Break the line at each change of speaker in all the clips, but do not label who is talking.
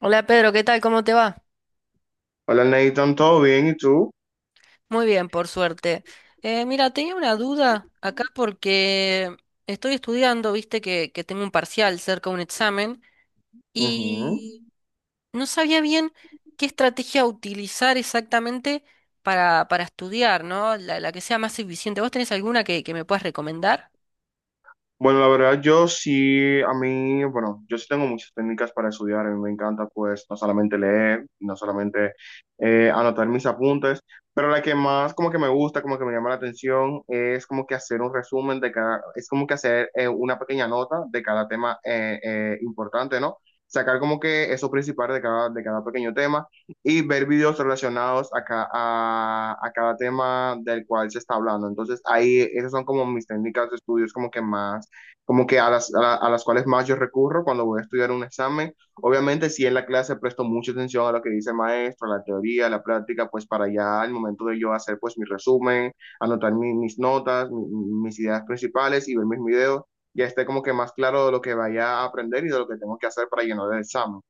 Hola Pedro, ¿qué tal? ¿Cómo te va?
Hola Nathan, ¿todo bien? ¿Y tú?
Muy bien, por suerte. Mira, tenía una duda acá porque estoy estudiando, viste que tengo un parcial cerca de un examen
Ujú.
y no sabía bien qué estrategia utilizar exactamente para estudiar, ¿no? La que sea más eficiente. ¿Vos tenés alguna que me puedas recomendar?
Bueno, la verdad, yo sí, a mí, bueno, yo sí tengo muchas técnicas para estudiar, a mí me encanta pues no solamente leer, no solamente anotar mis apuntes, pero la que más como que me gusta, como que me llama la atención, es como que hacer un resumen de cada, es como que hacer una pequeña nota de cada tema importante, ¿no? Sacar como que eso principal de cada pequeño tema y ver videos relacionados a, a cada tema del cual se está hablando. Entonces, ahí esas son como mis técnicas de estudios como que más como que a las, a las cuales más yo recurro cuando voy a estudiar un examen. Obviamente, si en la clase presto mucha atención a lo que dice el maestro, a la teoría, a la práctica, pues para ya al momento de yo hacer pues mi resumen, anotar mis notas, mis ideas principales y ver mis videos, ya esté como que más claro de lo que vaya a aprender y de lo que tengo que hacer para llenar el examen.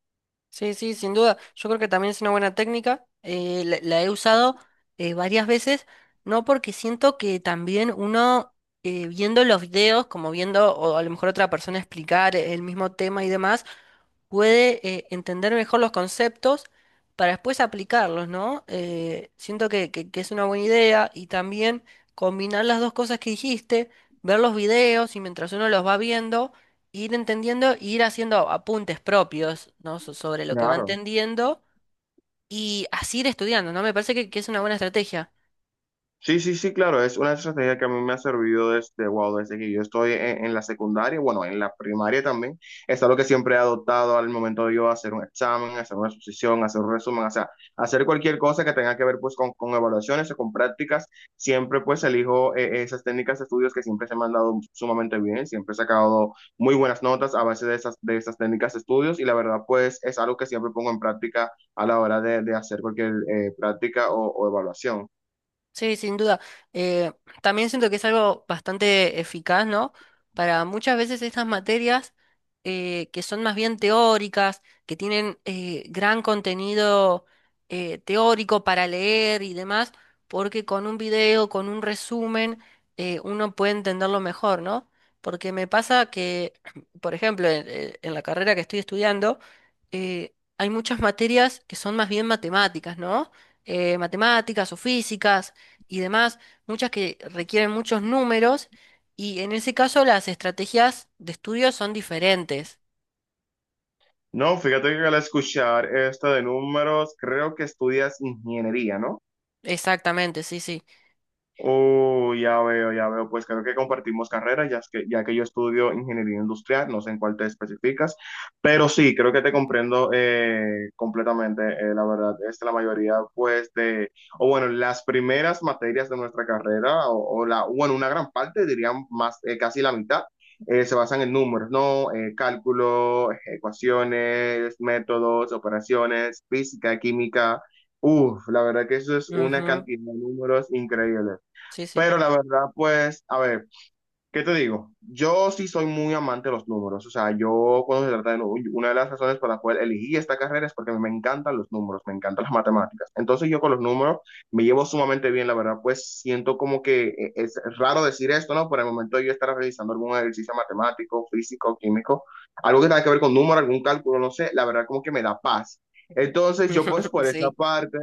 Sí, sí, sin duda. Yo creo que también es una buena técnica. La he usado varias veces, no porque siento que también uno viendo los videos, como viendo o a lo mejor otra persona explicar el mismo tema y demás, puede entender mejor los conceptos para después aplicarlos, ¿no? Siento que es una buena idea y también combinar las dos cosas que dijiste, ver los videos y mientras uno los va viendo ir entendiendo, e ir haciendo apuntes propios, ¿no? Sobre lo que va
Claro.
entendiendo y así ir estudiando, ¿no? Me parece que es una buena estrategia.
Sí, sí, sí, claro, es una estrategia que a mí me ha servido desde, wow, desde que yo estoy en la secundaria, bueno, en la primaria también, es algo que siempre he adoptado al momento de yo hacer un examen, hacer una exposición, hacer un resumen, o sea, hacer cualquier cosa que tenga que ver pues con evaluaciones o con prácticas, siempre pues elijo esas técnicas de estudios que siempre se me han dado sumamente bien, siempre he sacado muy buenas notas a base de esas técnicas de estudios y la verdad pues es algo que siempre pongo en práctica a la hora de hacer cualquier práctica o evaluación.
Sí, sin duda. Eh, También siento que es algo bastante eficaz, ¿no? Para muchas veces estas materias que son más bien teóricas, que tienen gran contenido teórico para leer y demás, porque con un video, con un resumen, uno puede entenderlo mejor, ¿no? Porque me pasa que, por ejemplo, en la carrera que estoy estudiando, hay muchas materias que son más bien matemáticas, ¿no? Matemáticas o físicas y demás, muchas que requieren muchos números y en ese caso las estrategias de estudio son diferentes.
No, fíjate que al escuchar esto de números, creo que estudias ingeniería, ¿no?
Exactamente, sí, sí.
Oh, ya veo, ya veo. Pues creo que compartimos carreras ya es que, ya que yo estudio ingeniería industrial, no sé en cuál te especificas, pero sí, creo que te comprendo completamente. La verdad, es la mayoría, pues, de, o bueno, las primeras materias de nuestra carrera, o la, bueno, una gran parte, dirían más, casi la mitad, se basan en números, ¿no? Cálculo, ecuaciones, métodos, operaciones, física, química. Uf, la verdad que eso es una
Ujú.
cantidad de números increíble.
Sí, sí.
Pero la verdad, pues, a ver, ¿qué te digo? Yo sí soy muy amante de los números. O sea, yo cuando se trata de números, una de las razones por las cuales elegí esta carrera es porque me encantan los números, me encantan las matemáticas. Entonces yo con los números me llevo sumamente bien, la verdad, pues siento como que es raro decir esto, ¿no? Por el momento yo estaré realizando algún ejercicio matemático, físico, químico, algo que tenga que ver con números, algún cálculo, no sé, la verdad como que me da paz. Entonces yo pues por esa
Sí,
parte...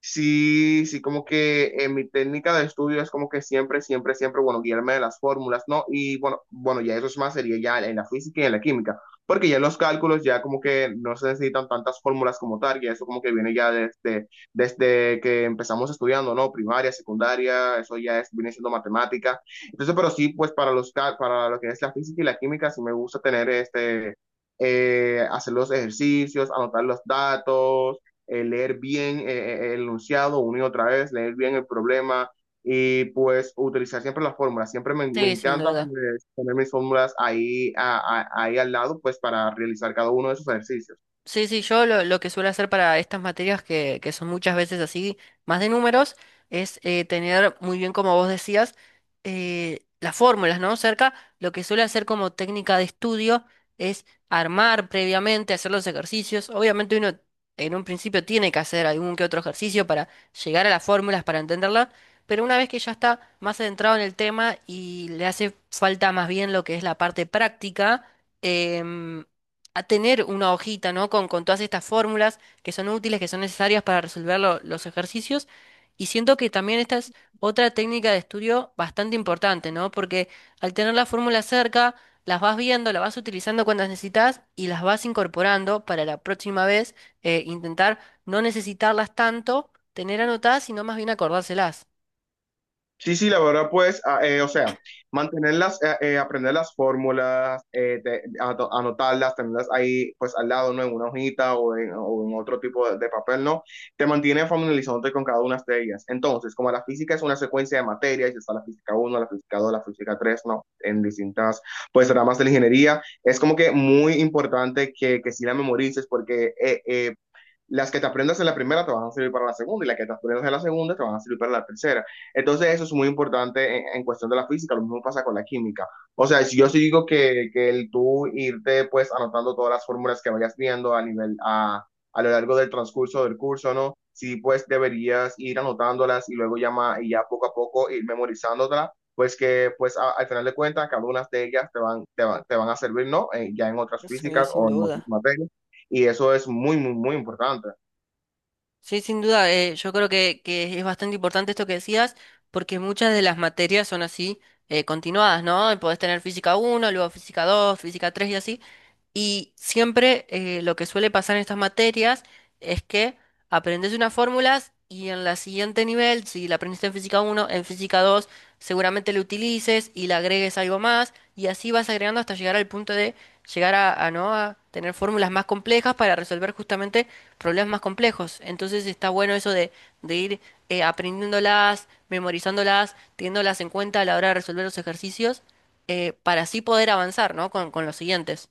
Sí, sí, como que en mi técnica de estudio es como que siempre, siempre, siempre, bueno, guiarme de las fórmulas, ¿no? Y bueno, bueno, ya eso es más, sería ya en la física y en la química, porque ya en los cálculos ya como que no se necesitan tantas fórmulas como tal, y eso como que viene ya desde, desde que empezamos estudiando, ¿no? Primaria, secundaria, eso ya es, viene siendo matemática. Entonces, pero sí, pues para los, para lo que es la física y la química, sí me gusta tener este, hacer los ejercicios, anotar los datos leer bien el enunciado una y otra vez, leer bien el problema y pues utilizar siempre las fórmulas. Siempre me, me
sí, sin
encanta
duda.
pues, poner mis fórmulas ahí, ahí al lado pues para realizar cada uno de esos ejercicios.
Sí, sí, yo lo que suelo hacer para estas materias que son muchas veces así, más de números, es tener muy bien, como vos decías, las fórmulas, ¿no? Cerca, lo que suelo hacer como técnica de estudio es armar previamente, hacer los ejercicios. Obviamente uno en un principio tiene que hacer algún que otro ejercicio para llegar a las fórmulas, para entenderlas, pero una vez que ya está más adentrado en el tema y le hace falta más bien lo que es la parte práctica, em, a tener una hojita, ¿no? Con todas estas fórmulas que son útiles, que son necesarias para resolver los ejercicios. Y siento que también esta es otra técnica de estudio bastante importante, ¿no? Porque al tener las fórmulas cerca, las vas viendo, las vas utilizando cuando las necesitas y las vas incorporando para la próxima vez, intentar no necesitarlas tanto, tener anotadas, sino más bien acordárselas.
Sí, sí, la verdad, pues, ah, o sea, mantenerlas, aprender las fórmulas, anotarlas, tenerlas ahí, pues, al lado, ¿no? En una hojita o en otro tipo de papel, ¿no? Te mantiene familiarizándote con cada una de ellas. Entonces, como la física es una secuencia de materias, está la física uno, la física 2, la física 3, ¿no? En distintas, pues, ramas de la ingeniería, es como que muy importante que sí la memorices porque las que te aprendas en la primera te van a servir para la segunda y las que te aprendas en la segunda te van a servir para la tercera. Entonces eso es muy importante en cuestión de la física, lo mismo pasa con la química. O sea, si yo sí digo que el tú irte pues anotando todas las fórmulas que vayas viendo a nivel a lo largo del transcurso del curso, ¿no? Sí, pues deberías ir anotándolas y luego ya, y ya poco a poco ir memorizándolas, pues que pues al final de cuentas cada una de ellas te van, te van, te van a servir, ¿no? Ya en otras
Sí,
físicas
sin
o en otras
duda.
materias. Y eso es muy, muy, muy importante.
Sí, sin duda, yo creo que es bastante importante esto que decías, porque muchas de las materias son así, continuadas, ¿no? Podés tener física uno, luego física 2, física 3 y así. Y siempre lo que suele pasar en estas materias es que aprendes unas fórmulas y en la siguiente nivel, si la aprendiste en física uno en física 2 seguramente lo utilices y le agregues algo más y así vas agregando hasta llegar al punto de llegar ¿no? A tener fórmulas más complejas para resolver justamente problemas más complejos. Entonces está bueno eso de ir aprendiéndolas, memorizándolas, teniéndolas en cuenta a la hora de resolver los ejercicios para así poder avanzar, ¿no? Con los siguientes.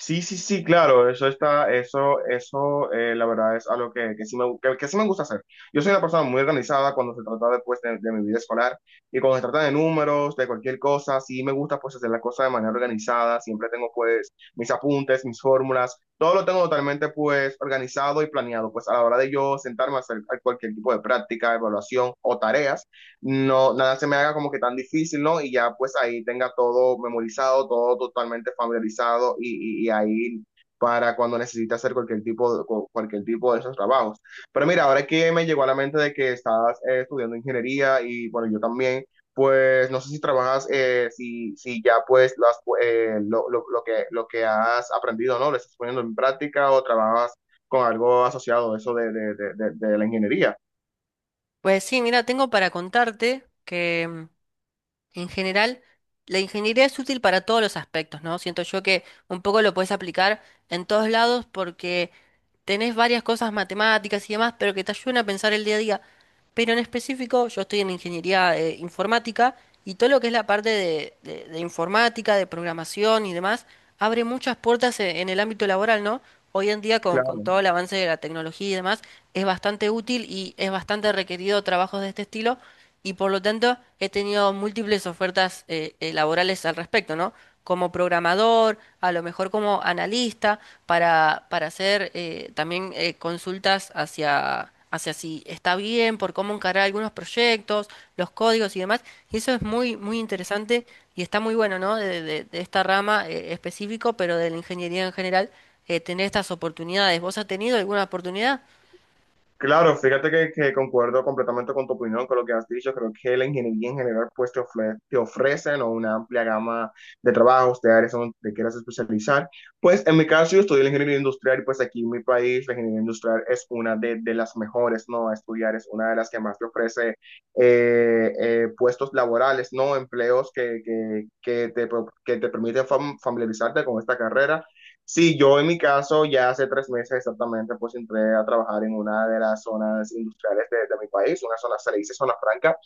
Sí, sí, sí, claro, eso está, eso, la verdad es algo que sí me gusta hacer. Yo soy una persona muy organizada cuando se trata de, pues, de mi vida escolar y cuando se trata de números, de cualquier cosa, sí me gusta pues hacer las cosas de manera organizada, siempre tengo pues mis apuntes, mis fórmulas, todo lo tengo totalmente pues organizado y planeado, pues a la hora de yo sentarme a hacer cualquier tipo de práctica, evaluación o tareas no, nada se me haga como que tan difícil, ¿no? Y ya pues ahí tenga todo memorizado, todo totalmente familiarizado y ahí para cuando necesite hacer cualquier tipo de, cualquier tipo de esos trabajos. Pero mira, ahora que me llegó a la mente de que estás estudiando ingeniería y bueno, yo también, pues no sé si trabajas, si, si ya pues las, lo que has aprendido, ¿no? ¿Lo estás poniendo en práctica o trabajas con algo asociado a eso de la ingeniería?
Pues sí, mira, tengo para contarte que en general, la ingeniería es útil para todos los aspectos, ¿no? Siento yo que un poco lo puedes aplicar en todos lados porque tenés varias cosas matemáticas y demás, pero que te ayudan a pensar el día a día. Pero en específico, yo estoy en ingeniería informática y todo lo que es la parte de, de informática, de programación y demás, abre muchas puertas en, el ámbito laboral, ¿no? Hoy en día con
Claro.
todo el avance de la tecnología y demás, es bastante útil y es bastante requerido trabajos de este estilo y por lo tanto he tenido múltiples ofertas laborales al respecto, ¿no? Como programador, a lo mejor como analista, para hacer también consultas hacia si está bien, por cómo encarar algunos proyectos, los códigos y demás. Y eso es muy, muy interesante y está muy bueno, ¿no? De, de esta rama específico, pero de la ingeniería en general, tener estas oportunidades. ¿Vos has tenido alguna oportunidad?
Claro, fíjate que concuerdo completamente con tu opinión, con lo que has dicho. Creo que la ingeniería en general pues te te ofrecen, ¿no? Una amplia gama de trabajos, de áreas donde te quieras especializar. Pues en mi caso yo estudié la ingeniería industrial y pues aquí en mi país la ingeniería industrial es una de las mejores, ¿no? A estudiar es una de las que más te ofrece puestos laborales, ¿no? Empleos que te, que te permiten familiarizarte con esta carrera. Sí, yo en mi caso ya hace 3 meses exactamente pues entré a trabajar en una de las zonas industriales de mi país, una zona, se le dice zona franca,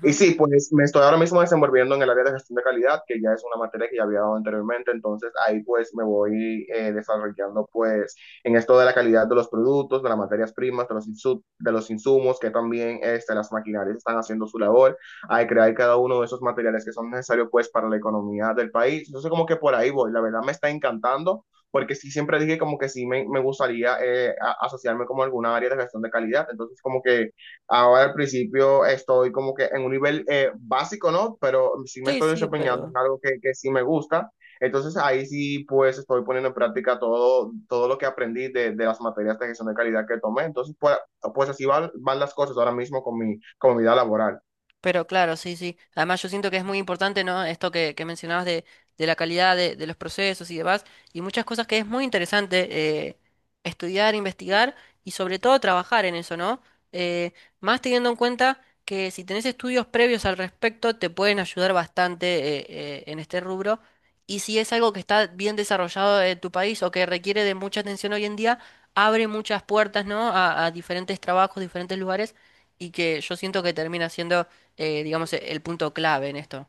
y sí, pues me estoy ahora mismo desenvolviendo en el área de gestión de calidad, que ya es una materia que ya había dado anteriormente, entonces ahí pues me voy desarrollando pues en esto de la calidad de los productos, de las materias primas, de los, de los insumos, que también este, las maquinarias están haciendo su labor, hay crear cada uno de esos materiales que son necesarios pues para la economía del país. Entonces como que por ahí voy, la verdad me está encantando, porque sí siempre dije como que sí me gustaría asociarme como a alguna área de gestión de calidad, entonces como que... Ahora al principio estoy como que en un nivel básico, ¿no? Pero sí me
Sí,
estoy
sí,
desempeñando
pero...
en algo que sí me gusta. Entonces ahí sí pues estoy poniendo en práctica todo, todo lo que aprendí de las materias de gestión de calidad que tomé. Entonces pues, pues así van, van las cosas ahora mismo con mi vida laboral.
Pero claro, sí, sí. Además yo siento que es muy importante, ¿no? Esto que mencionabas de la calidad de los procesos y demás, y muchas cosas que es muy interesante eh, estudiar, investigar y sobre todo trabajar en eso, ¿no? Eh, Más teniendo en cuenta que si tenés estudios previos al respecto, te pueden ayudar bastante en este rubro. Y si es algo que está bien desarrollado en tu país o que requiere de mucha atención hoy en día, abre muchas puertas, ¿no? A diferentes trabajos, diferentes lugares, y que yo siento que termina siendo digamos, el punto clave en esto.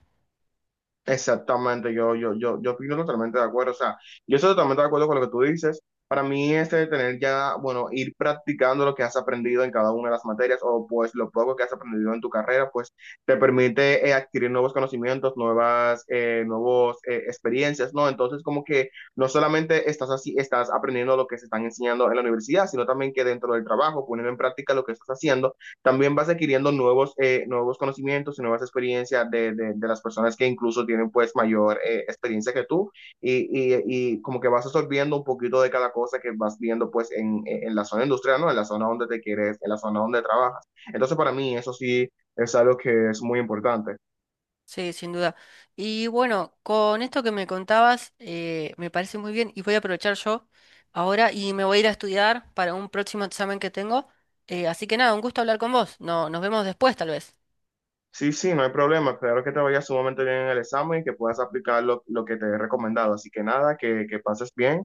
Exactamente, yo opino totalmente de acuerdo. O sea, yo estoy totalmente de acuerdo con lo que tú dices. Para mí, este de tener ya, bueno, ir practicando lo que has aprendido en cada una de las materias o pues lo poco que has aprendido en tu carrera, pues te permite adquirir nuevos conocimientos, nuevas, nuevos experiencias, ¿no? Entonces, como que no solamente estás así, estás aprendiendo lo que se están enseñando en la universidad, sino también que dentro del trabajo, poniendo en práctica lo que estás haciendo también vas adquiriendo nuevos, nuevos conocimientos y nuevas experiencias de, las personas que incluso tienen pues mayor experiencia que tú y, y, y, como que vas absorbiendo un poquito de cada cosa que vas viendo pues en, la zona industrial, ¿no? En la zona donde te quieres, en la zona donde trabajas. Entonces para mí eso sí es algo que es muy importante.
Sí, sin duda. Y bueno, con esto que me contabas, me parece muy bien y voy a aprovechar yo ahora y me voy a ir a estudiar para un próximo examen que tengo. Así que nada, un gusto hablar con vos. No, nos vemos después, tal vez.
Sí, sí, no hay problema. Espero que te vaya sumamente bien en el examen y que puedas aplicar lo que te he recomendado. Así que nada, que pases bien.